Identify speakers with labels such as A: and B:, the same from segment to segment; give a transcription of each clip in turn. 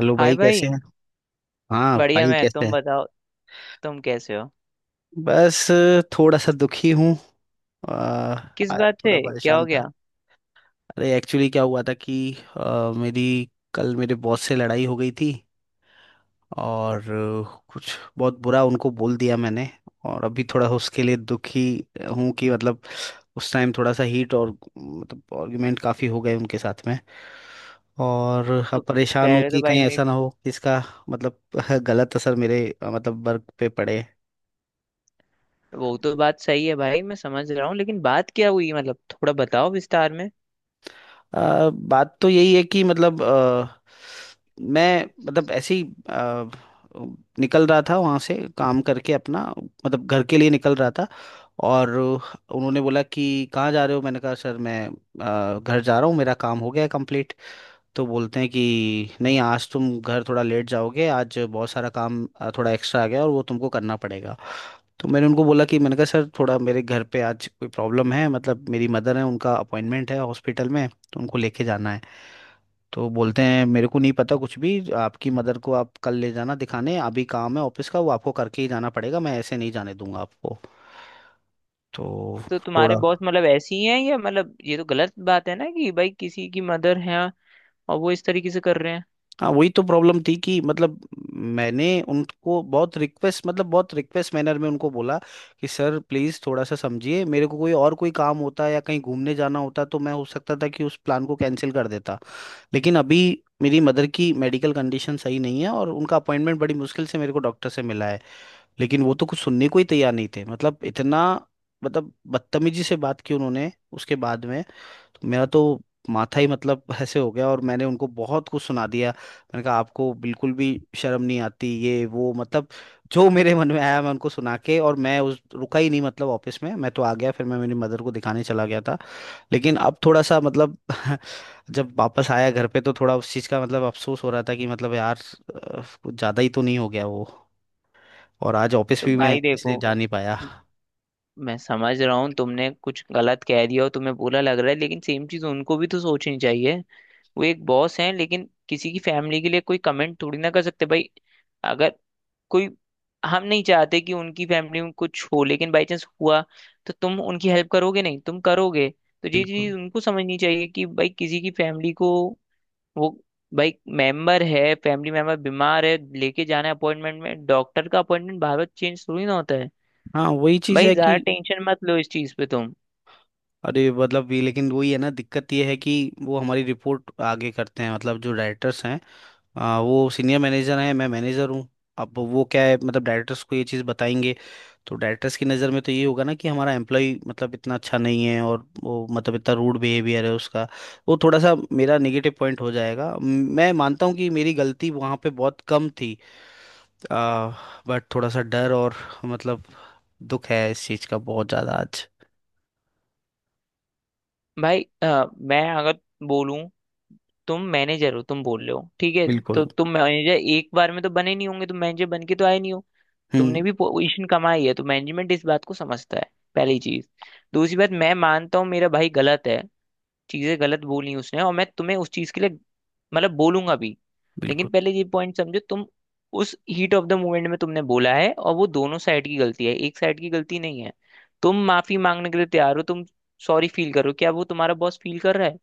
A: Hello
B: hi
A: भाई कैसे
B: भाई।
A: हैं। हाँ
B: बढ़िया।
A: भाई
B: मैं
A: कैसे
B: तुम
A: है।
B: बताओ, तुम कैसे हो?
A: बस थोड़ा सा दुखी हूँ। आ,
B: किस
A: आज
B: बात
A: थोड़ा
B: से? क्या हो
A: परेशान था।
B: गया?
A: अरे एक्चुअली क्या हुआ था कि मेरी कल मेरे बॉस से लड़ाई हो गई थी। और कुछ बहुत बुरा उनको बोल दिया मैंने। और अभी थोड़ा उसके लिए दुखी हूँ कि मतलब उस टाइम थोड़ा सा हीट और मतलब आर्गुमेंट काफ़ी हो गए उनके साथ में। और
B: तो
A: अब परेशान हूँ
B: पहले
A: कि
B: तो भाई
A: कहीं
B: मैं,
A: ऐसा ना हो कि इसका मतलब गलत असर मेरे मतलब वर्क पे पड़े।
B: वो तो बात सही है भाई, मैं समझ रहा हूँ लेकिन बात क्या हुई, मतलब थोड़ा बताओ विस्तार में।
A: बात तो यही है कि मतलब मैं मतलब ऐसे ही अ, निकल रहा था वहाँ से काम करके अपना मतलब घर के लिए निकल रहा था। और उन्होंने बोला कि कहाँ जा रहे हो। मैंने कहा सर मैं घर जा रहा हूँ मेरा काम हो गया है complete। तो बोलते हैं कि नहीं आज तुम घर थोड़ा लेट जाओगे, आज बहुत सारा काम थोड़ा एक्स्ट्रा आ गया और वो तुमको करना पड़ेगा। तो मैंने उनको बोला कि मैंने कहा सर थोड़ा मेरे घर पे आज कोई प्रॉब्लम है, मतलब मेरी मदर है उनका अपॉइंटमेंट है हॉस्पिटल में तो उनको लेके जाना है। तो बोलते हैं मेरे को नहीं पता कुछ भी, आपकी मदर को आप कल ले जाना दिखाने, अभी काम है ऑफिस का वो आपको करके ही जाना पड़ेगा, मैं ऐसे नहीं जाने दूंगा आपको। तो
B: तो तुम्हारे
A: थोड़ा।
B: बॉस मतलब ऐसी ही हैं, या मतलब ये तो गलत बात है ना कि भाई किसी की मदर है और वो इस तरीके से कर रहे हैं।
A: हाँ, वही तो प्रॉब्लम थी कि मतलब मैंने उनको बहुत रिक्वेस्ट मतलब बहुत रिक्वेस्ट मैनर में उनको बोला कि सर प्लीज़ थोड़ा सा समझिए, मेरे को कोई और कोई काम होता या कहीं घूमने जाना होता तो मैं हो सकता था कि उस प्लान को कैंसिल कर देता, लेकिन अभी मेरी मदर की मेडिकल कंडीशन सही नहीं है और उनका अपॉइंटमेंट बड़ी मुश्किल से मेरे को डॉक्टर से मिला है। लेकिन वो तो कुछ सुनने को ही तैयार नहीं थे, मतलब इतना मतलब बदतमीजी से बात की उन्होंने उसके बाद में। तो मेरा तो माथा ही मतलब ऐसे हो गया और मैंने उनको बहुत कुछ सुना दिया। मैंने कहा आपको बिल्कुल भी शर्म नहीं आती, ये वो मतलब जो मेरे मन में आया मैं उनको सुना के, और मैं उस रुका ही नहीं, मतलब ऑफिस में मैं तो आ गया, फिर मैं मेरी मदर को दिखाने चला गया था। लेकिन अब थोड़ा सा मतलब जब वापस आया घर पे तो थोड़ा उस चीज़ का मतलब अफसोस हो रहा था कि मतलब यार कुछ ज़्यादा ही तो नहीं हो गया वो। और आज ऑफिस
B: तो
A: भी मैं
B: भाई
A: इसलिए
B: देखो,
A: जा नहीं पाया।
B: म- मैं समझ रहा हूँ तुमने कुछ गलत कह दिया और तुम्हें बुरा लग रहा है, लेकिन सेम चीज उनको भी तो सोचनी चाहिए। वो एक बॉस हैं, लेकिन किसी की फैमिली के लिए कोई कमेंट थोड़ी ना कर सकते भाई। अगर कोई, हम नहीं चाहते कि उनकी फैमिली में कुछ हो, लेकिन बाई चांस हुआ तो तुम उनकी हेल्प करोगे नहीं, तुम करोगे। तो ये
A: बिल्कुल।
B: चीज उनको समझनी चाहिए कि भाई किसी की फैमिली को, वो भाई मेंबर है, फैमिली मेंबर बीमार है, लेके जाना है अपॉइंटमेंट में, डॉक्टर का अपॉइंटमेंट बार बार चेंज थोड़ी ना होता है।
A: हाँ, वही चीज़
B: भाई
A: है
B: ज्यादा
A: कि
B: टेंशन मत लो इस चीज पे तुम।
A: अरे मतलब भी लेकिन वही है ना, दिक्कत ये है कि वो हमारी रिपोर्ट आगे करते हैं, मतलब जो डायरेक्टर्स हैं, वो सीनियर मैनेजर हैं, मैं मैनेजर हूँ। अब वो क्या है मतलब डायरेक्टर्स को ये चीज़ बताएंगे, तो डायरेक्टर्स की नज़र में तो ये होगा ना कि हमारा एम्प्लॉय मतलब इतना अच्छा नहीं है और वो मतलब इतना रूड बिहेवियर है उसका। वो थोड़ा सा मेरा नेगेटिव पॉइंट हो जाएगा। मैं मानता हूँ कि मेरी गलती वहाँ पे बहुत कम थी, बट थोड़ा सा डर और मतलब दुख है इस चीज़ का बहुत ज़्यादा आज।
B: भाई मैं अगर बोलूं, तुम मैनेजर हो, तुम बोल रहे हो ठीक है। तो
A: बिल्कुल।
B: तुम मैनेजर एक बार में तो बने नहीं होंगे, तुम मैनेजर बन के तो आए नहीं हो।
A: हम्म।
B: तुमने भी पोजीशन कमाई है, तो मैनेजमेंट इस बात को समझता है, पहली चीज। दूसरी बात, मैं मानता हूँ मेरा भाई गलत है, चीजें गलत बोली उसने, और मैं तुम्हें उस चीज के लिए मतलब बोलूंगा भी।
A: बिल्कुल।
B: लेकिन पहले ये पॉइंट समझो तुम, उस हीट ऑफ द मोमेंट में तुमने बोला है, और वो दोनों साइड की गलती है, एक साइड की गलती नहीं है। तुम माफी मांगने के लिए तैयार हो, तुम सॉरी फील करो, क्या वो तुम्हारा बॉस फील कर रहा है?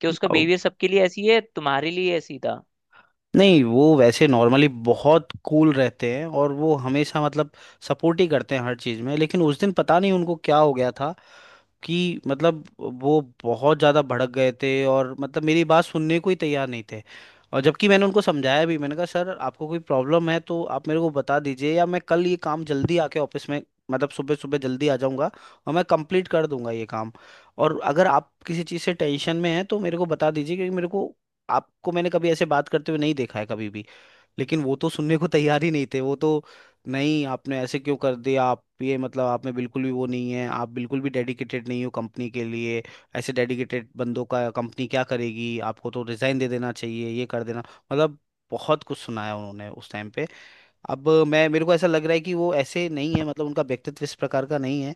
B: कि उसका बिहेवियर सबके लिए ऐसी है, तुम्हारे लिए ऐसी था।
A: नहीं वो वैसे नॉर्मली बहुत कूल रहते हैं और वो हमेशा मतलब सपोर्ट ही करते हैं हर चीज़ में, लेकिन उस दिन पता नहीं उनको क्या हो गया था कि मतलब वो बहुत ज़्यादा भड़क गए थे और मतलब मेरी बात सुनने को ही तैयार नहीं थे। और जबकि मैंने उनको समझाया भी, मैंने कहा सर आपको कोई प्रॉब्लम है तो आप मेरे को बता दीजिए, या मैं कल ये काम जल्दी आके ऑफिस में मतलब सुबह सुबह जल्दी आ जाऊंगा और मैं कंप्लीट कर दूंगा ये काम, और अगर आप किसी चीज़ से टेंशन में हैं तो मेरे को बता दीजिए, क्योंकि मेरे को आपको मैंने कभी ऐसे बात करते हुए नहीं देखा है कभी भी। लेकिन वो तो सुनने को तैयार ही नहीं थे, वो तो नहीं आपने ऐसे क्यों कर दिया, आप ये मतलब आप में बिल्कुल भी वो नहीं है, आप बिल्कुल भी डेडिकेटेड नहीं हो कंपनी के लिए, ऐसे डेडिकेटेड बंदों का कंपनी क्या करेगी, आपको तो रिजाइन दे देना चाहिए ये कर देना, मतलब बहुत कुछ सुनाया उन्होंने उस टाइम पे। अब मैं मेरे को ऐसा लग रहा है कि वो ऐसे नहीं है, मतलब उनका व्यक्तित्व इस प्रकार का नहीं है।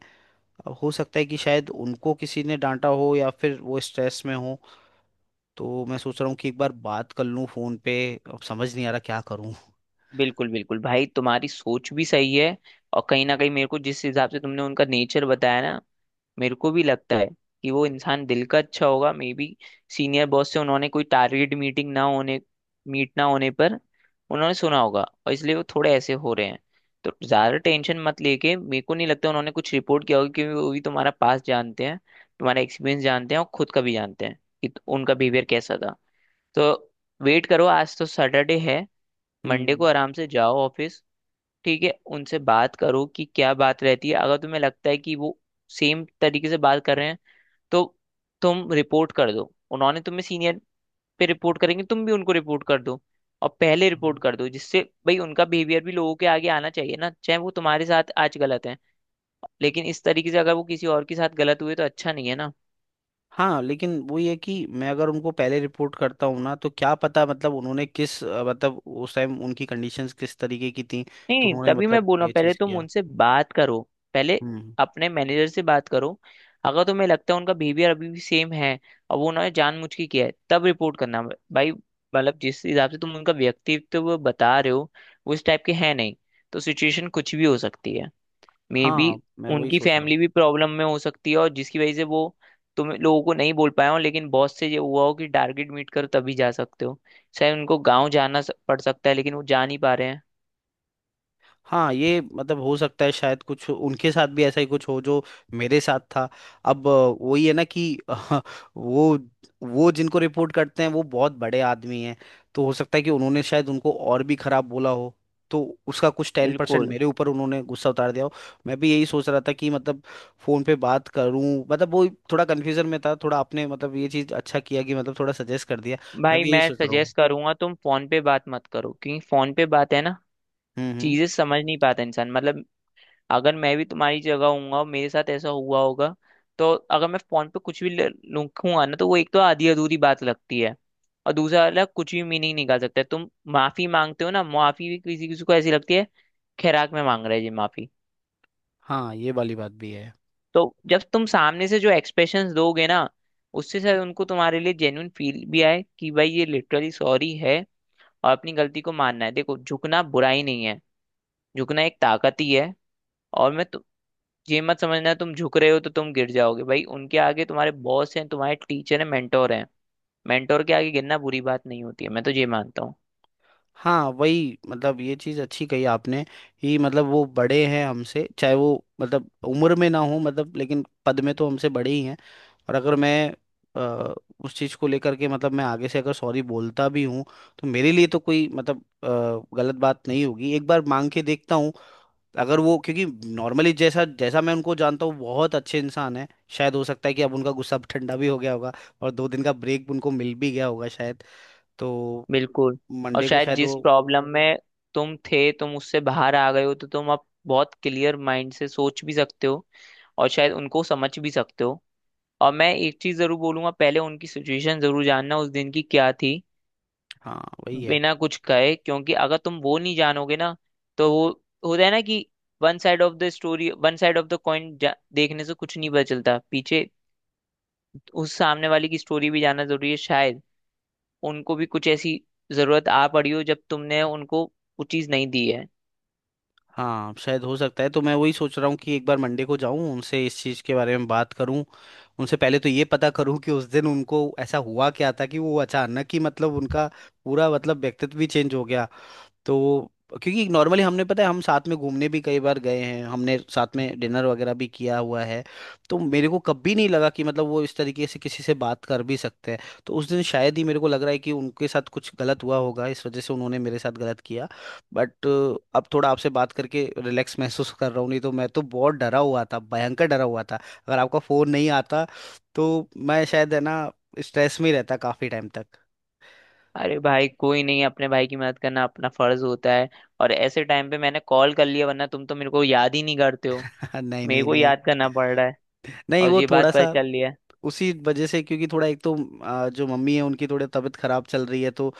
A: अब हो सकता है कि शायद उनको किसी ने डांटा हो या फिर वो स्ट्रेस में हो, तो मैं सोच रहा हूँ कि एक बार बात कर लूँ फोन पे, अब समझ नहीं आ रहा क्या करूँ।
B: बिल्कुल बिल्कुल भाई, तुम्हारी सोच भी सही है। और कहीं ना कहीं मेरे को जिस हिसाब से तुमने उनका नेचर बताया ना, मेरे को भी लगता है कि वो इंसान दिल का अच्छा होगा। मे बी सीनियर बॉस से उन्होंने कोई टारगेट मीटिंग ना होने, मीट ना होने पर उन्होंने सुना होगा, और इसलिए वो थोड़े ऐसे हो रहे हैं। तो ज्यादा टेंशन मत लेके, मेरे को नहीं लगता उन्होंने कुछ रिपोर्ट किया होगा, क्योंकि वो भी तुम्हारा पास जानते हैं, तुम्हारा एक्सपीरियंस जानते हैं, और खुद का भी जानते हैं कि उनका बिहेवियर कैसा था। तो वेट करो, आज तो सैटरडे है। मंडे को
A: हम्म।
B: आराम से जाओ ऑफिस, ठीक है। उनसे बात करो कि क्या बात रहती है, अगर तुम्हें लगता है कि वो सेम तरीके से बात कर रहे हैं, तो तुम रिपोर्ट कर दो। उन्होंने तुम्हें सीनियर पे रिपोर्ट करेंगे, तुम भी उनको रिपोर्ट कर दो। और पहले रिपोर्ट
A: हाँ।
B: कर दो, जिससे भाई उनका बिहेवियर भी लोगों के आगे आना चाहिए ना। चाहे वो तुम्हारे साथ आज गलत है, लेकिन इस तरीके से अगर वो किसी और के साथ गलत हुए तो अच्छा नहीं है ना।
A: हाँ, लेकिन वही है कि मैं अगर उनको पहले रिपोर्ट करता हूँ ना, तो क्या पता मतलब उन्होंने किस मतलब उस टाइम उनकी कंडीशंस किस तरीके की थी,
B: नहीं
A: तो
B: नहीं,
A: उन्होंने
B: तभी मैं
A: मतलब
B: बोल रहा
A: ये
B: हूँ पहले
A: चीज़
B: तुम
A: किया।
B: उनसे बात करो। पहले
A: हम्म।
B: अपने मैनेजर से बात करो। अगर तुम्हें लगता है उनका बिहेवियर अभी भी सेम है और वो उन्होंने जानबूझ के किया है, तब रिपोर्ट करना भाई। मतलब जिस हिसाब से तुम उनका व्यक्तित्व बता रहे हो, वो इस टाइप के है नहीं। तो सिचुएशन कुछ भी हो सकती है। मे बी
A: हाँ, मैं वही
B: उनकी
A: सोच रहा हूँ।
B: फैमिली भी प्रॉब्लम में हो सकती है, और जिसकी वजह से वो तुम लोगों को नहीं बोल पाए हो, लेकिन बॉस से ये हुआ हो कि टारगेट मीट करो तभी जा सकते हो। शायद उनको गांव जाना पड़ सकता है, लेकिन वो जा नहीं पा रहे हैं।
A: हाँ ये मतलब हो सकता है शायद कुछ उनके साथ भी ऐसा ही कुछ हो जो मेरे साथ था। अब वही है ना कि वो जिनको रिपोर्ट करते हैं वो बहुत बड़े आदमी हैं, तो हो सकता है कि उन्होंने शायद उनको और भी खराब बोला हो, तो उसका कुछ 10%
B: बिल्कुल।
A: मेरे ऊपर उन्होंने गुस्सा उतार दिया हो। मैं भी यही सोच रहा था कि मतलब फोन पे बात करूं, मतलब वो थोड़ा कन्फ्यूजन में था, थोड़ा आपने मतलब ये चीज अच्छा किया कि मतलब थोड़ा सजेस्ट कर दिया। मैं
B: भाई
A: भी यही
B: मैं
A: सोच रहा हूँ।
B: सजेस्ट करूंगा तुम फोन पे बात मत करो, क्योंकि फोन पे बात है ना,
A: हम्म। हम्म।
B: चीजें समझ नहीं पाता इंसान। मतलब अगर मैं भी तुम्हारी जगह हूंगा, मेरे साथ ऐसा हुआ होगा, तो अगर मैं फोन पे कुछ भी लिखूंगा ना, तो वो एक तो आधी अधूरी बात लगती है, और दूसरा वाला कुछ भी मीनिंग निकाल सकता है। तुम माफी मांगते हो ना, माफी भी किसी किसी को ऐसी लगती है, खैराक में मांग रहे जी माफी।
A: हाँ, ये वाली बात भी है।
B: तो जब तुम सामने से जो एक्सप्रेशंस दोगे ना, उससे शायद उनको तुम्हारे लिए जेन्यून फील भी आए कि भाई ये लिटरली सॉरी है। और अपनी गलती को मानना है, देखो झुकना बुराई नहीं है, झुकना एक ताकत ही है। और ये मत समझना तुम झुक रहे हो तो तुम गिर जाओगे। भाई उनके आगे, तुम्हारे बॉस हैं, तुम्हारे टीचर हैं, मेंटोर हैं। मेंटोर के आगे गिरना बुरी बात नहीं होती है, मैं तो ये मानता हूँ।
A: हाँ वही मतलब ये चीज़ अच्छी कही आपने कि मतलब वो बड़े हैं हमसे, चाहे वो मतलब उम्र में ना हो मतलब, लेकिन पद में तो हमसे बड़े ही हैं। और अगर मैं अ, उस चीज़ को लेकर के मतलब मैं आगे से अगर सॉरी बोलता भी हूँ तो मेरे लिए तो कोई मतलब गलत बात नहीं होगी, एक बार मांग के देखता हूँ। अगर वो क्योंकि नॉर्मली जैसा जैसा मैं उनको जानता हूँ, बहुत अच्छे इंसान है। शायद हो सकता है कि अब उनका गुस्सा ठंडा भी हो गया होगा और 2 दिन का ब्रेक उनको मिल भी गया होगा शायद, तो
B: बिल्कुल। और
A: मंडे को
B: शायद
A: शायद वो।
B: जिस प्रॉब्लम में तुम थे तुम उससे बाहर आ गए हो, तो तुम अब बहुत क्लियर माइंड से सोच भी सकते हो, और शायद उनको समझ भी सकते हो। और मैं एक चीज जरूर बोलूंगा, पहले उनकी सिचुएशन जरूर जानना उस दिन की क्या थी,
A: हाँ वही है।
B: बिना कुछ कहे। क्योंकि अगर तुम वो नहीं जानोगे ना, तो वो होता है ना कि one side of the story, one side of the coin देखने से कुछ नहीं पता चलता। पीछे उस सामने वाले की स्टोरी भी जानना जरूरी है। शायद उनको भी कुछ ऐसी जरूरत आ पड़ी हो जब तुमने उनको वो चीज नहीं दी है।
A: हाँ शायद हो सकता है, तो मैं वही सोच रहा हूँ कि एक बार मंडे को जाऊँ उनसे इस चीज़ के बारे में बात करूँ, उनसे पहले तो ये पता करूँ कि उस दिन उनको ऐसा हुआ क्या था कि वो अचानक ही मतलब उनका पूरा मतलब व्यक्तित्व भी चेंज हो गया, तो क्योंकि नॉर्मली हमने पता है हम साथ में घूमने भी कई बार गए हैं, हमने साथ में डिनर वगैरह भी किया हुआ है, तो मेरे को कभी नहीं लगा कि मतलब वो इस तरीके से किसी से बात कर भी सकते हैं। तो उस दिन शायद ही मेरे को लग रहा है कि उनके साथ कुछ गलत हुआ होगा, इस वजह से उन्होंने मेरे साथ गलत किया। बट अब थोड़ा आपसे बात करके रिलैक्स महसूस कर रहा हूँ, नहीं तो मैं तो बहुत डरा हुआ था, भयंकर डरा हुआ था। अगर आपका फोन नहीं आता तो मैं शायद है ना स्ट्रेस में ही रहता काफी टाइम तक।
B: अरे भाई कोई नहीं, अपने भाई की मदद करना अपना फर्ज होता है। और ऐसे टाइम पे मैंने कॉल कर लिया, वरना तुम तो मेरे को याद ही नहीं करते हो,
A: नहीं,
B: मेरे
A: नहीं,
B: को
A: नहीं।
B: याद करना पड़ रहा है,
A: नहीं
B: और
A: वो
B: ये
A: थोड़ा
B: बात पता
A: सा
B: चल रही है।
A: उसी वजह से, क्योंकि थोड़ा एक तो जो मम्मी है उनकी थोड़ी तबीयत खराब चल रही है, तो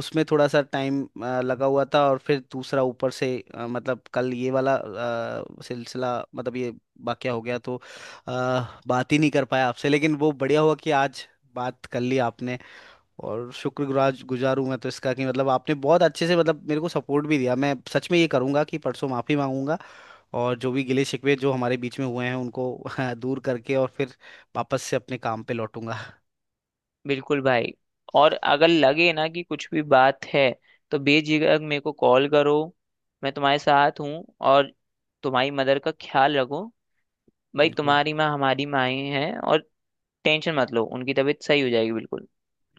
A: उसमें थोड़ा सा टाइम लगा हुआ था, और फिर दूसरा ऊपर से मतलब कल ये वाला सिलसिला मतलब ये वाकया हो गया, तो आ, बात ही नहीं कर पाया आपसे। लेकिन वो बढ़िया हुआ कि आज बात कर ली आपने, और शुक्रगुजार गुजार हूं मैं तो इसका कि मतलब आपने बहुत अच्छे से मतलब मेरे को सपोर्ट भी दिया। मैं सच में ये करूंगा कि परसों माफी मांगूंगा, और जो भी गिले शिकवे जो हमारे बीच में हुए हैं उनको दूर करके और फिर वापस से अपने काम पे लौटूंगा।
B: बिल्कुल भाई। और अगर लगे ना कि कुछ भी बात है, तो बेझिझक मेरे को कॉल करो। मैं तुम्हारे साथ हूँ, और तुम्हारी मदर का ख्याल रखो भाई।
A: बिल्कुल।
B: तुम्हारी माँ हमारी माएँ हैं, और टेंशन मत लो, उनकी तबीयत सही हो जाएगी बिल्कुल।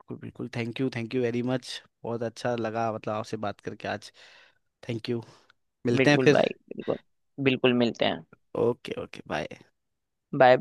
A: बिल्कुल। बिल्कुल। Thank you. Thank you very much. बहुत अच्छा लगा मतलब आपसे बात करके आज। Thank you. मिलते हैं
B: बिल्कुल
A: फिर।
B: भाई, बिल्कुल। बिल्कुल मिलते हैं।
A: Okay, okay, bye.
B: बाय।